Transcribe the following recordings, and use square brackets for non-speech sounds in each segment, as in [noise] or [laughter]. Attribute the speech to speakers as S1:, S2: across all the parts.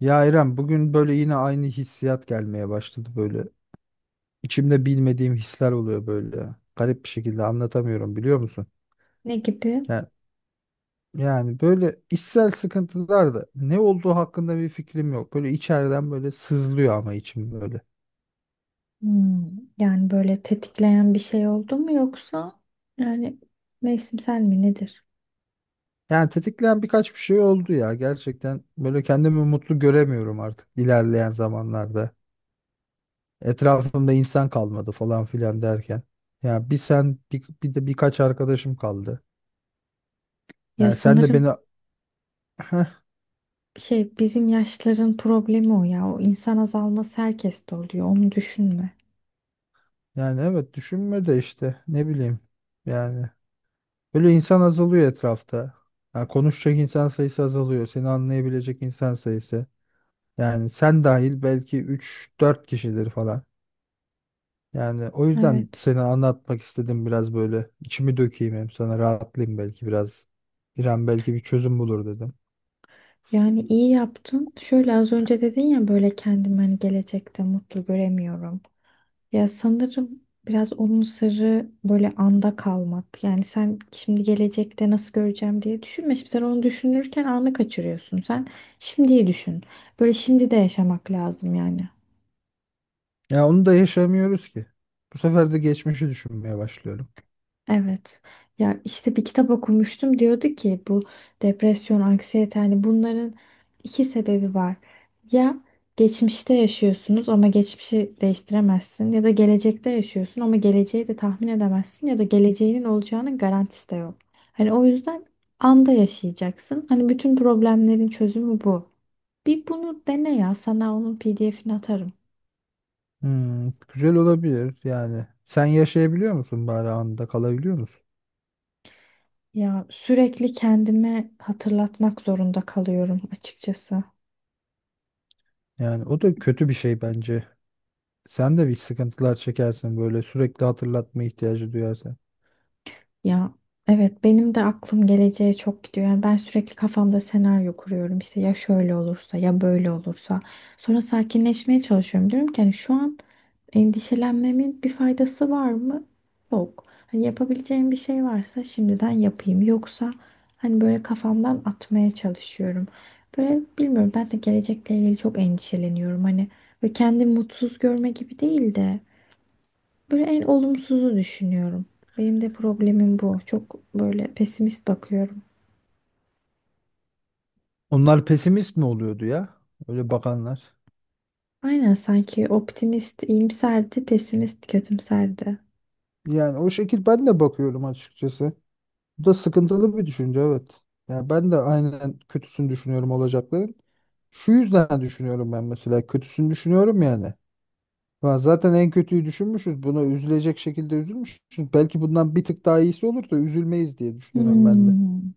S1: Ya İrem bugün böyle yine aynı hissiyat gelmeye başladı böyle. İçimde bilmediğim hisler oluyor böyle. Garip bir şekilde anlatamıyorum, biliyor musun?
S2: Ne gibi?
S1: Ya, yani böyle içsel sıkıntılar da ne olduğu hakkında bir fikrim yok. Böyle içeriden böyle sızlıyor ama içim böyle.
S2: Hmm, Yani böyle tetikleyen bir şey oldu mu yoksa yani mevsimsel mi nedir?
S1: Yani tetikleyen birkaç bir şey oldu ya. Gerçekten böyle kendimi mutlu göremiyorum artık ilerleyen zamanlarda. Etrafımda insan kalmadı falan filan derken. Ya bir sen bir de birkaç arkadaşım kaldı.
S2: Ya
S1: Yani sen de beni
S2: sanırım
S1: [laughs]
S2: şey bizim yaşların problemi o ya. O insan azalması herkeste oluyor. Onu düşünme.
S1: Yani evet, düşünme de işte ne bileyim, yani böyle insan azalıyor etrafta. Yani konuşacak insan sayısı azalıyor. Seni anlayabilecek insan sayısı. Yani sen dahil belki üç dört kişidir falan. Yani o yüzden
S2: Evet.
S1: seni anlatmak istedim biraz böyle. İçimi dökeyim hem, sana rahatlayayım belki biraz. İrem belki bir çözüm bulur dedim.
S2: Yani iyi yaptın. Şöyle az önce dedin ya böyle kendimi hani gelecekte mutlu göremiyorum. Ya sanırım biraz onun sırrı böyle anda kalmak. Yani sen şimdi gelecekte nasıl göreceğim diye düşünme. Şimdi sen onu düşünürken anı kaçırıyorsun. Sen şimdiyi düşün. Böyle şimdi de yaşamak lazım yani.
S1: Ya onu da yaşamıyoruz ki. Bu sefer de geçmişi düşünmeye başlıyorum.
S2: Evet. Ya işte bir kitap okumuştum diyordu ki bu depresyon, anksiyete hani bunların iki sebebi var. Ya geçmişte yaşıyorsunuz ama geçmişi değiştiremezsin ya da gelecekte yaşıyorsun ama geleceği de tahmin edemezsin ya da geleceğinin olacağının garantisi de yok. Hani o yüzden anda yaşayacaksın. Hani bütün problemlerin çözümü bu. Bir bunu dene ya sana onun PDF'ini atarım.
S1: Hmm, güzel olabilir yani. Sen yaşayabiliyor musun bari, anda kalabiliyor musun?
S2: Ya sürekli kendime hatırlatmak zorunda kalıyorum açıkçası.
S1: Yani o da kötü bir şey bence. Sen de bir sıkıntılar çekersin böyle, sürekli hatırlatma ihtiyacı duyarsan.
S2: Ya evet benim de aklım geleceğe çok gidiyor. Yani ben sürekli kafamda senaryo kuruyorum. İşte ya şöyle olursa ya böyle olursa. Sonra sakinleşmeye çalışıyorum. Diyorum ki hani şu an endişelenmemin bir faydası var mı? Yok. Hani yapabileceğim bir şey varsa şimdiden yapayım. Yoksa hani böyle kafamdan atmaya çalışıyorum. Böyle bilmiyorum ben de gelecekle ilgili çok endişeleniyorum. Hani ve kendimi mutsuz görme gibi değil de. Böyle en olumsuzu düşünüyorum. Benim de problemim bu. Çok böyle pesimist bakıyorum.
S1: Onlar pesimist mi oluyordu ya? Öyle bakanlar.
S2: Aynen sanki optimist iyimserdi, pesimist kötümserdi.
S1: Yani o şekil ben de bakıyorum açıkçası. Bu da sıkıntılı bir düşünce, evet. Yani ben de aynen kötüsünü düşünüyorum olacakların. Şu yüzden düşünüyorum ben mesela, kötüsünü düşünüyorum yani. Ulan zaten en kötüyü düşünmüşüz. Buna üzülecek şekilde üzülmüşüz. Belki bundan bir tık daha iyisi olur da üzülmeyiz diye düşünüyorum ben de.
S2: Hmm.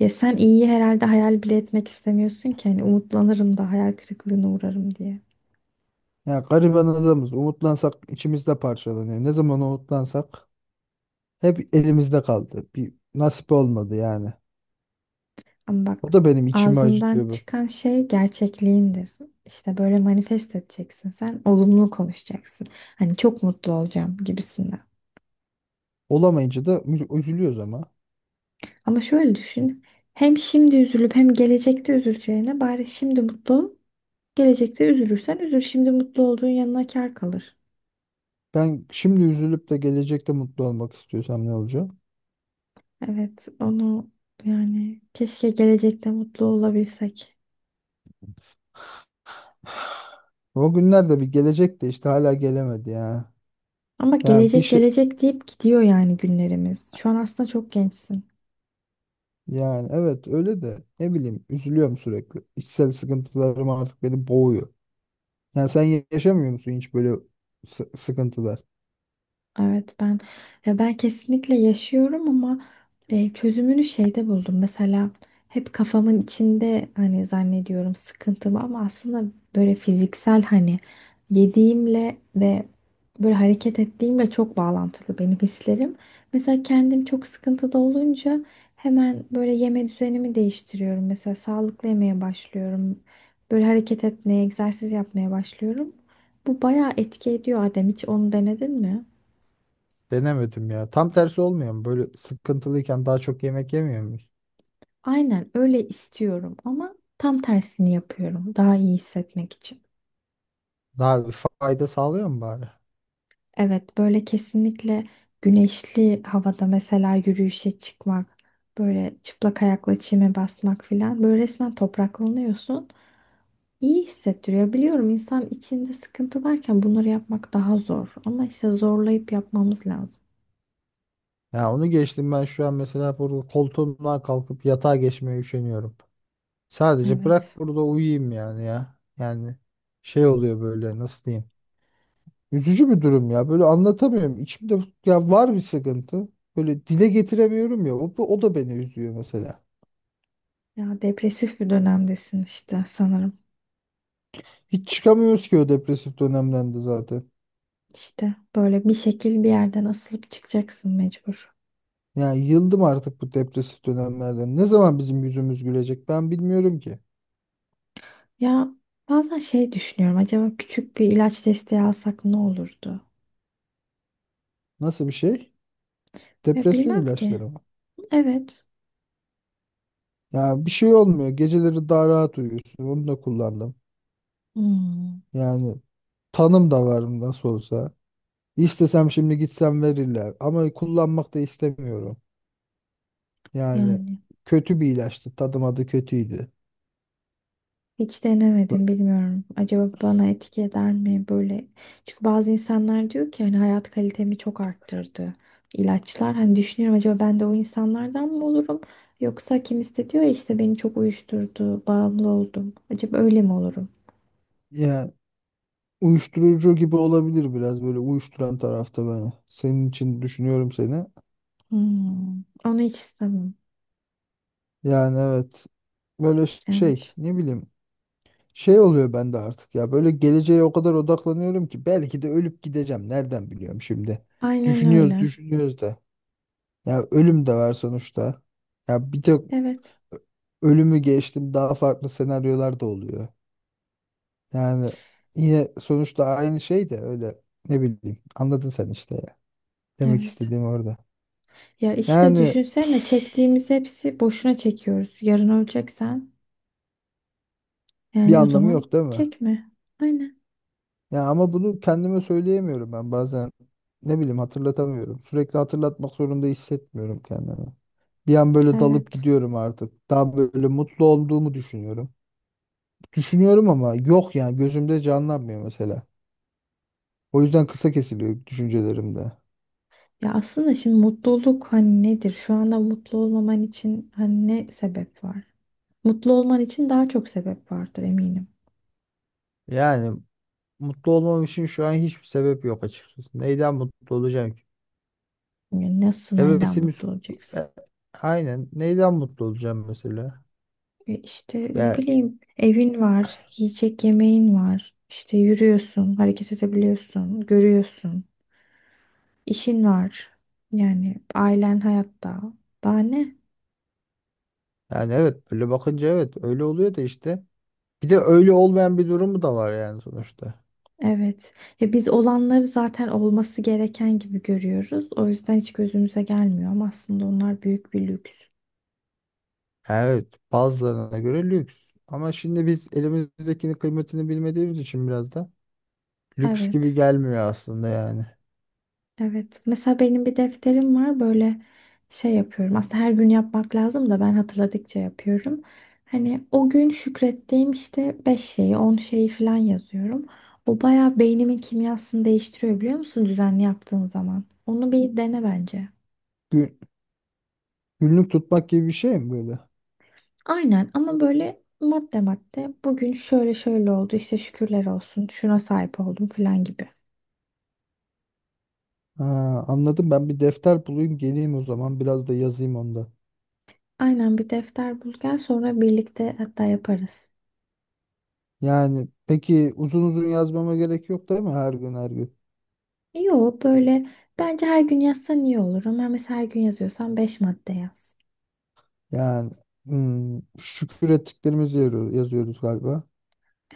S2: Ya sen iyiyi herhalde hayal bile etmek istemiyorsun ki hani umutlanırım da hayal kırıklığına uğrarım diye.
S1: Ya gariban adamız. Umutlansak içimizde parçalanıyor. Ne zaman umutlansak hep elimizde kaldı. Bir nasip olmadı yani.
S2: Ama bak
S1: O da benim içimi
S2: ağzından
S1: acıtıyor bu.
S2: çıkan şey gerçekliğindir. İşte böyle manifest edeceksin sen, olumlu konuşacaksın. Hani çok mutlu olacağım gibisinden.
S1: Olamayınca da üzülüyoruz ama.
S2: Ama şöyle düşün. Hem şimdi üzülüp hem gelecekte üzüleceğine bari şimdi mutlu ol. Gelecekte üzülürsen üzül. Şimdi mutlu olduğun yanına kâr kalır.
S1: Ben şimdi üzülüp de gelecekte mutlu olmak istiyorsam ne olacak?
S2: Evet, onu yani keşke gelecekte mutlu olabilsek.
S1: O günler de bir gelecek de işte hala gelemedi ya.
S2: Ama
S1: Yani bir
S2: gelecek
S1: şey,
S2: gelecek deyip gidiyor yani günlerimiz. Şu an aslında çok gençsin.
S1: yani evet öyle de ne bileyim, üzülüyorum sürekli. İçsel sıkıntılarım artık beni boğuyor. Yani sen yaşamıyor musun hiç böyle sıkıntılar?
S2: Evet ben ya ben kesinlikle yaşıyorum ama çözümünü şeyde buldum. Mesela hep kafamın içinde hani zannediyorum sıkıntımı ama aslında böyle fiziksel hani yediğimle ve böyle hareket ettiğimle çok bağlantılı benim hislerim. Mesela kendim çok sıkıntıda olunca hemen böyle yeme düzenimi değiştiriyorum. Mesela sağlıklı yemeye başlıyorum. Böyle hareket etmeye, egzersiz yapmaya başlıyorum. Bu bayağı etki ediyor Adem. Hiç onu denedin mi?
S1: Denemedim ya. Tam tersi olmuyor mu? Böyle sıkıntılıyken daha çok yemek yemiyor muyuz?
S2: Aynen öyle istiyorum ama tam tersini yapıyorum daha iyi hissetmek için.
S1: Daha bir fayda sağlıyor mu bari?
S2: Evet böyle kesinlikle güneşli havada mesela yürüyüşe çıkmak, böyle çıplak ayakla çime basmak filan böyle resmen topraklanıyorsun. İyi hissettiriyor. Biliyorum insan içinde sıkıntı varken bunları yapmak daha zor ama işte zorlayıp yapmamız lazım.
S1: Ya onu geçtim, ben şu an mesela burada koltuğumdan kalkıp yatağa geçmeye üşeniyorum. Sadece bırak
S2: Evet.
S1: burada uyuyayım yani ya. Yani şey oluyor böyle, nasıl diyeyim. Üzücü bir durum ya. Böyle anlatamıyorum. İçimde ya var bir sıkıntı. Böyle dile getiremiyorum ya. O da beni üzüyor mesela.
S2: Ya depresif bir dönemdesin işte sanırım.
S1: Hiç çıkamıyoruz ki o depresif dönemden de zaten.
S2: İşte böyle bir şekil bir yerden asılıp çıkacaksın mecbur.
S1: Ya yıldım artık bu depresif dönemlerden. Ne zaman bizim yüzümüz gülecek ben bilmiyorum ki.
S2: Ya bazen şey düşünüyorum. Acaba küçük bir ilaç desteği alsak ne olurdu?
S1: Nasıl bir şey?
S2: Ya
S1: Depresyon
S2: bilmem ki.
S1: ilaçları mı?
S2: Evet.
S1: Ya bir şey olmuyor. Geceleri daha rahat uyuyorsun. Onu da kullandım.
S2: Hmm,
S1: Yani tanım da var nasıl olsa. İstesem şimdi gitsem verirler. Ama kullanmak da istemiyorum. Yani
S2: yani
S1: kötü bir ilaçtı. Tadım adı kötüydü.
S2: hiç
S1: Bu-
S2: denemedim bilmiyorum. Acaba bana etki eder mi böyle? Çünkü bazı insanlar diyor ki hani hayat kalitemi çok arttırdı ilaçlar. Hani düşünüyorum acaba ben de o insanlardan mı olurum? Yoksa kim istediyor işte beni çok uyuşturdu, bağımlı oldum. Acaba öyle mi olurum?
S1: Yani uyuşturucu gibi olabilir biraz böyle, uyuşturan tarafta beni. Senin için düşünüyorum seni.
S2: Onu hiç istemem.
S1: Yani evet böyle şey,
S2: Evet.
S1: ne bileyim, şey oluyor bende artık ya, böyle geleceğe o kadar odaklanıyorum ki belki de ölüp gideceğim. Nereden biliyorum şimdi?
S2: Aynen
S1: Düşünüyoruz
S2: öyle.
S1: düşünüyoruz da. Ya ölüm de var sonuçta. Ya bir tek
S2: Evet.
S1: ölümü geçtim, daha farklı senaryolar da oluyor. Yani yine sonuçta aynı şey de öyle, ne bileyim, anladın sen işte ya. Demek
S2: Evet.
S1: istediğim orada.
S2: Ya işte
S1: Yani
S2: düşünsene çektiğimiz hepsi boşuna çekiyoruz. Yarın öleceksen
S1: bir
S2: yani o
S1: anlamı yok
S2: zaman
S1: değil mi?
S2: çekme. Aynen.
S1: Ya ama bunu kendime söyleyemiyorum ben bazen, ne bileyim, hatırlatamıyorum. Sürekli hatırlatmak zorunda hissetmiyorum kendimi. Bir an böyle dalıp
S2: Evet.
S1: gidiyorum artık. Daha böyle mutlu olduğumu düşünüyorum. Düşünüyorum ama yok yani, gözümde canlanmıyor mesela. O yüzden kısa kesiliyor düşüncelerimde.
S2: Ya aslında şimdi mutluluk hani nedir? Şu anda mutlu olmaman için hani ne sebep var? Mutlu olman için daha çok sebep vardır eminim.
S1: Yani mutlu olmam için şu an hiçbir sebep yok açıkçası. Neyden mutlu olacağım ki?
S2: Yani nasıl neyden
S1: Hevesimiz
S2: mutlu olacaksın?
S1: E, aynen, neyden mutlu olacağım mesela?
S2: E işte ne
S1: Ya
S2: bileyim evin var, yiyecek yemeğin var. İşte yürüyorsun, hareket edebiliyorsun, görüyorsun. İşin var. Yani ailen hayatta. Daha ne?
S1: yani evet, böyle bakınca evet öyle oluyor da işte. Bir de öyle olmayan bir durumu da var yani sonuçta.
S2: Evet. Ya biz olanları zaten olması gereken gibi görüyoruz. O yüzden hiç gözümüze gelmiyor ama aslında onlar büyük bir lüks.
S1: Evet, bazılarına göre lüks. Ama şimdi biz elimizdekinin kıymetini bilmediğimiz için biraz da lüks gibi
S2: Evet.
S1: gelmiyor aslında yani.
S2: Evet. Mesela benim bir defterim var. Böyle şey yapıyorum. Aslında her gün yapmak lazım da ben hatırladıkça yapıyorum. Hani o gün şükrettiğim işte 5 şeyi, 10 şeyi falan yazıyorum. O bayağı beynimin kimyasını değiştiriyor biliyor musun düzenli yaptığın zaman? Onu bir dene bence.
S1: Gün- Günlük tutmak gibi bir şey mi böyle?
S2: Aynen ama böyle madde madde bugün şöyle şöyle oldu işte şükürler olsun şuna sahip oldum falan gibi.
S1: Ha, anladım, ben bir defter bulayım geleyim o zaman, biraz da yazayım onda.
S2: Aynen bir defter bul gel sonra birlikte hatta yaparız.
S1: Yani peki, uzun uzun yazmama gerek yok değil mi her gün her gün?
S2: Yo böyle bence her gün yazsan iyi olur ama mesela her gün yazıyorsan 5 madde yaz.
S1: Yani hmm, şükür ettiklerimizi yazıyoruz galiba.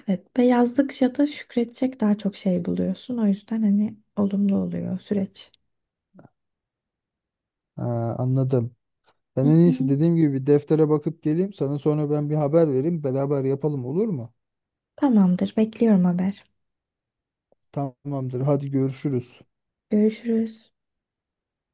S2: Evet ve yazdıkça da şükredecek daha çok şey buluyorsun o yüzden hani olumlu oluyor süreç.
S1: Ha, anladım.
S2: Hı
S1: Ben en iyisi
S2: hı.
S1: dediğim gibi bir deftere bakıp geleyim, sana sonra ben bir haber vereyim, beraber yapalım, olur mu?
S2: Tamamdır bekliyorum haber.
S1: Tamamdır. Hadi görüşürüz.
S2: Görüşürüz.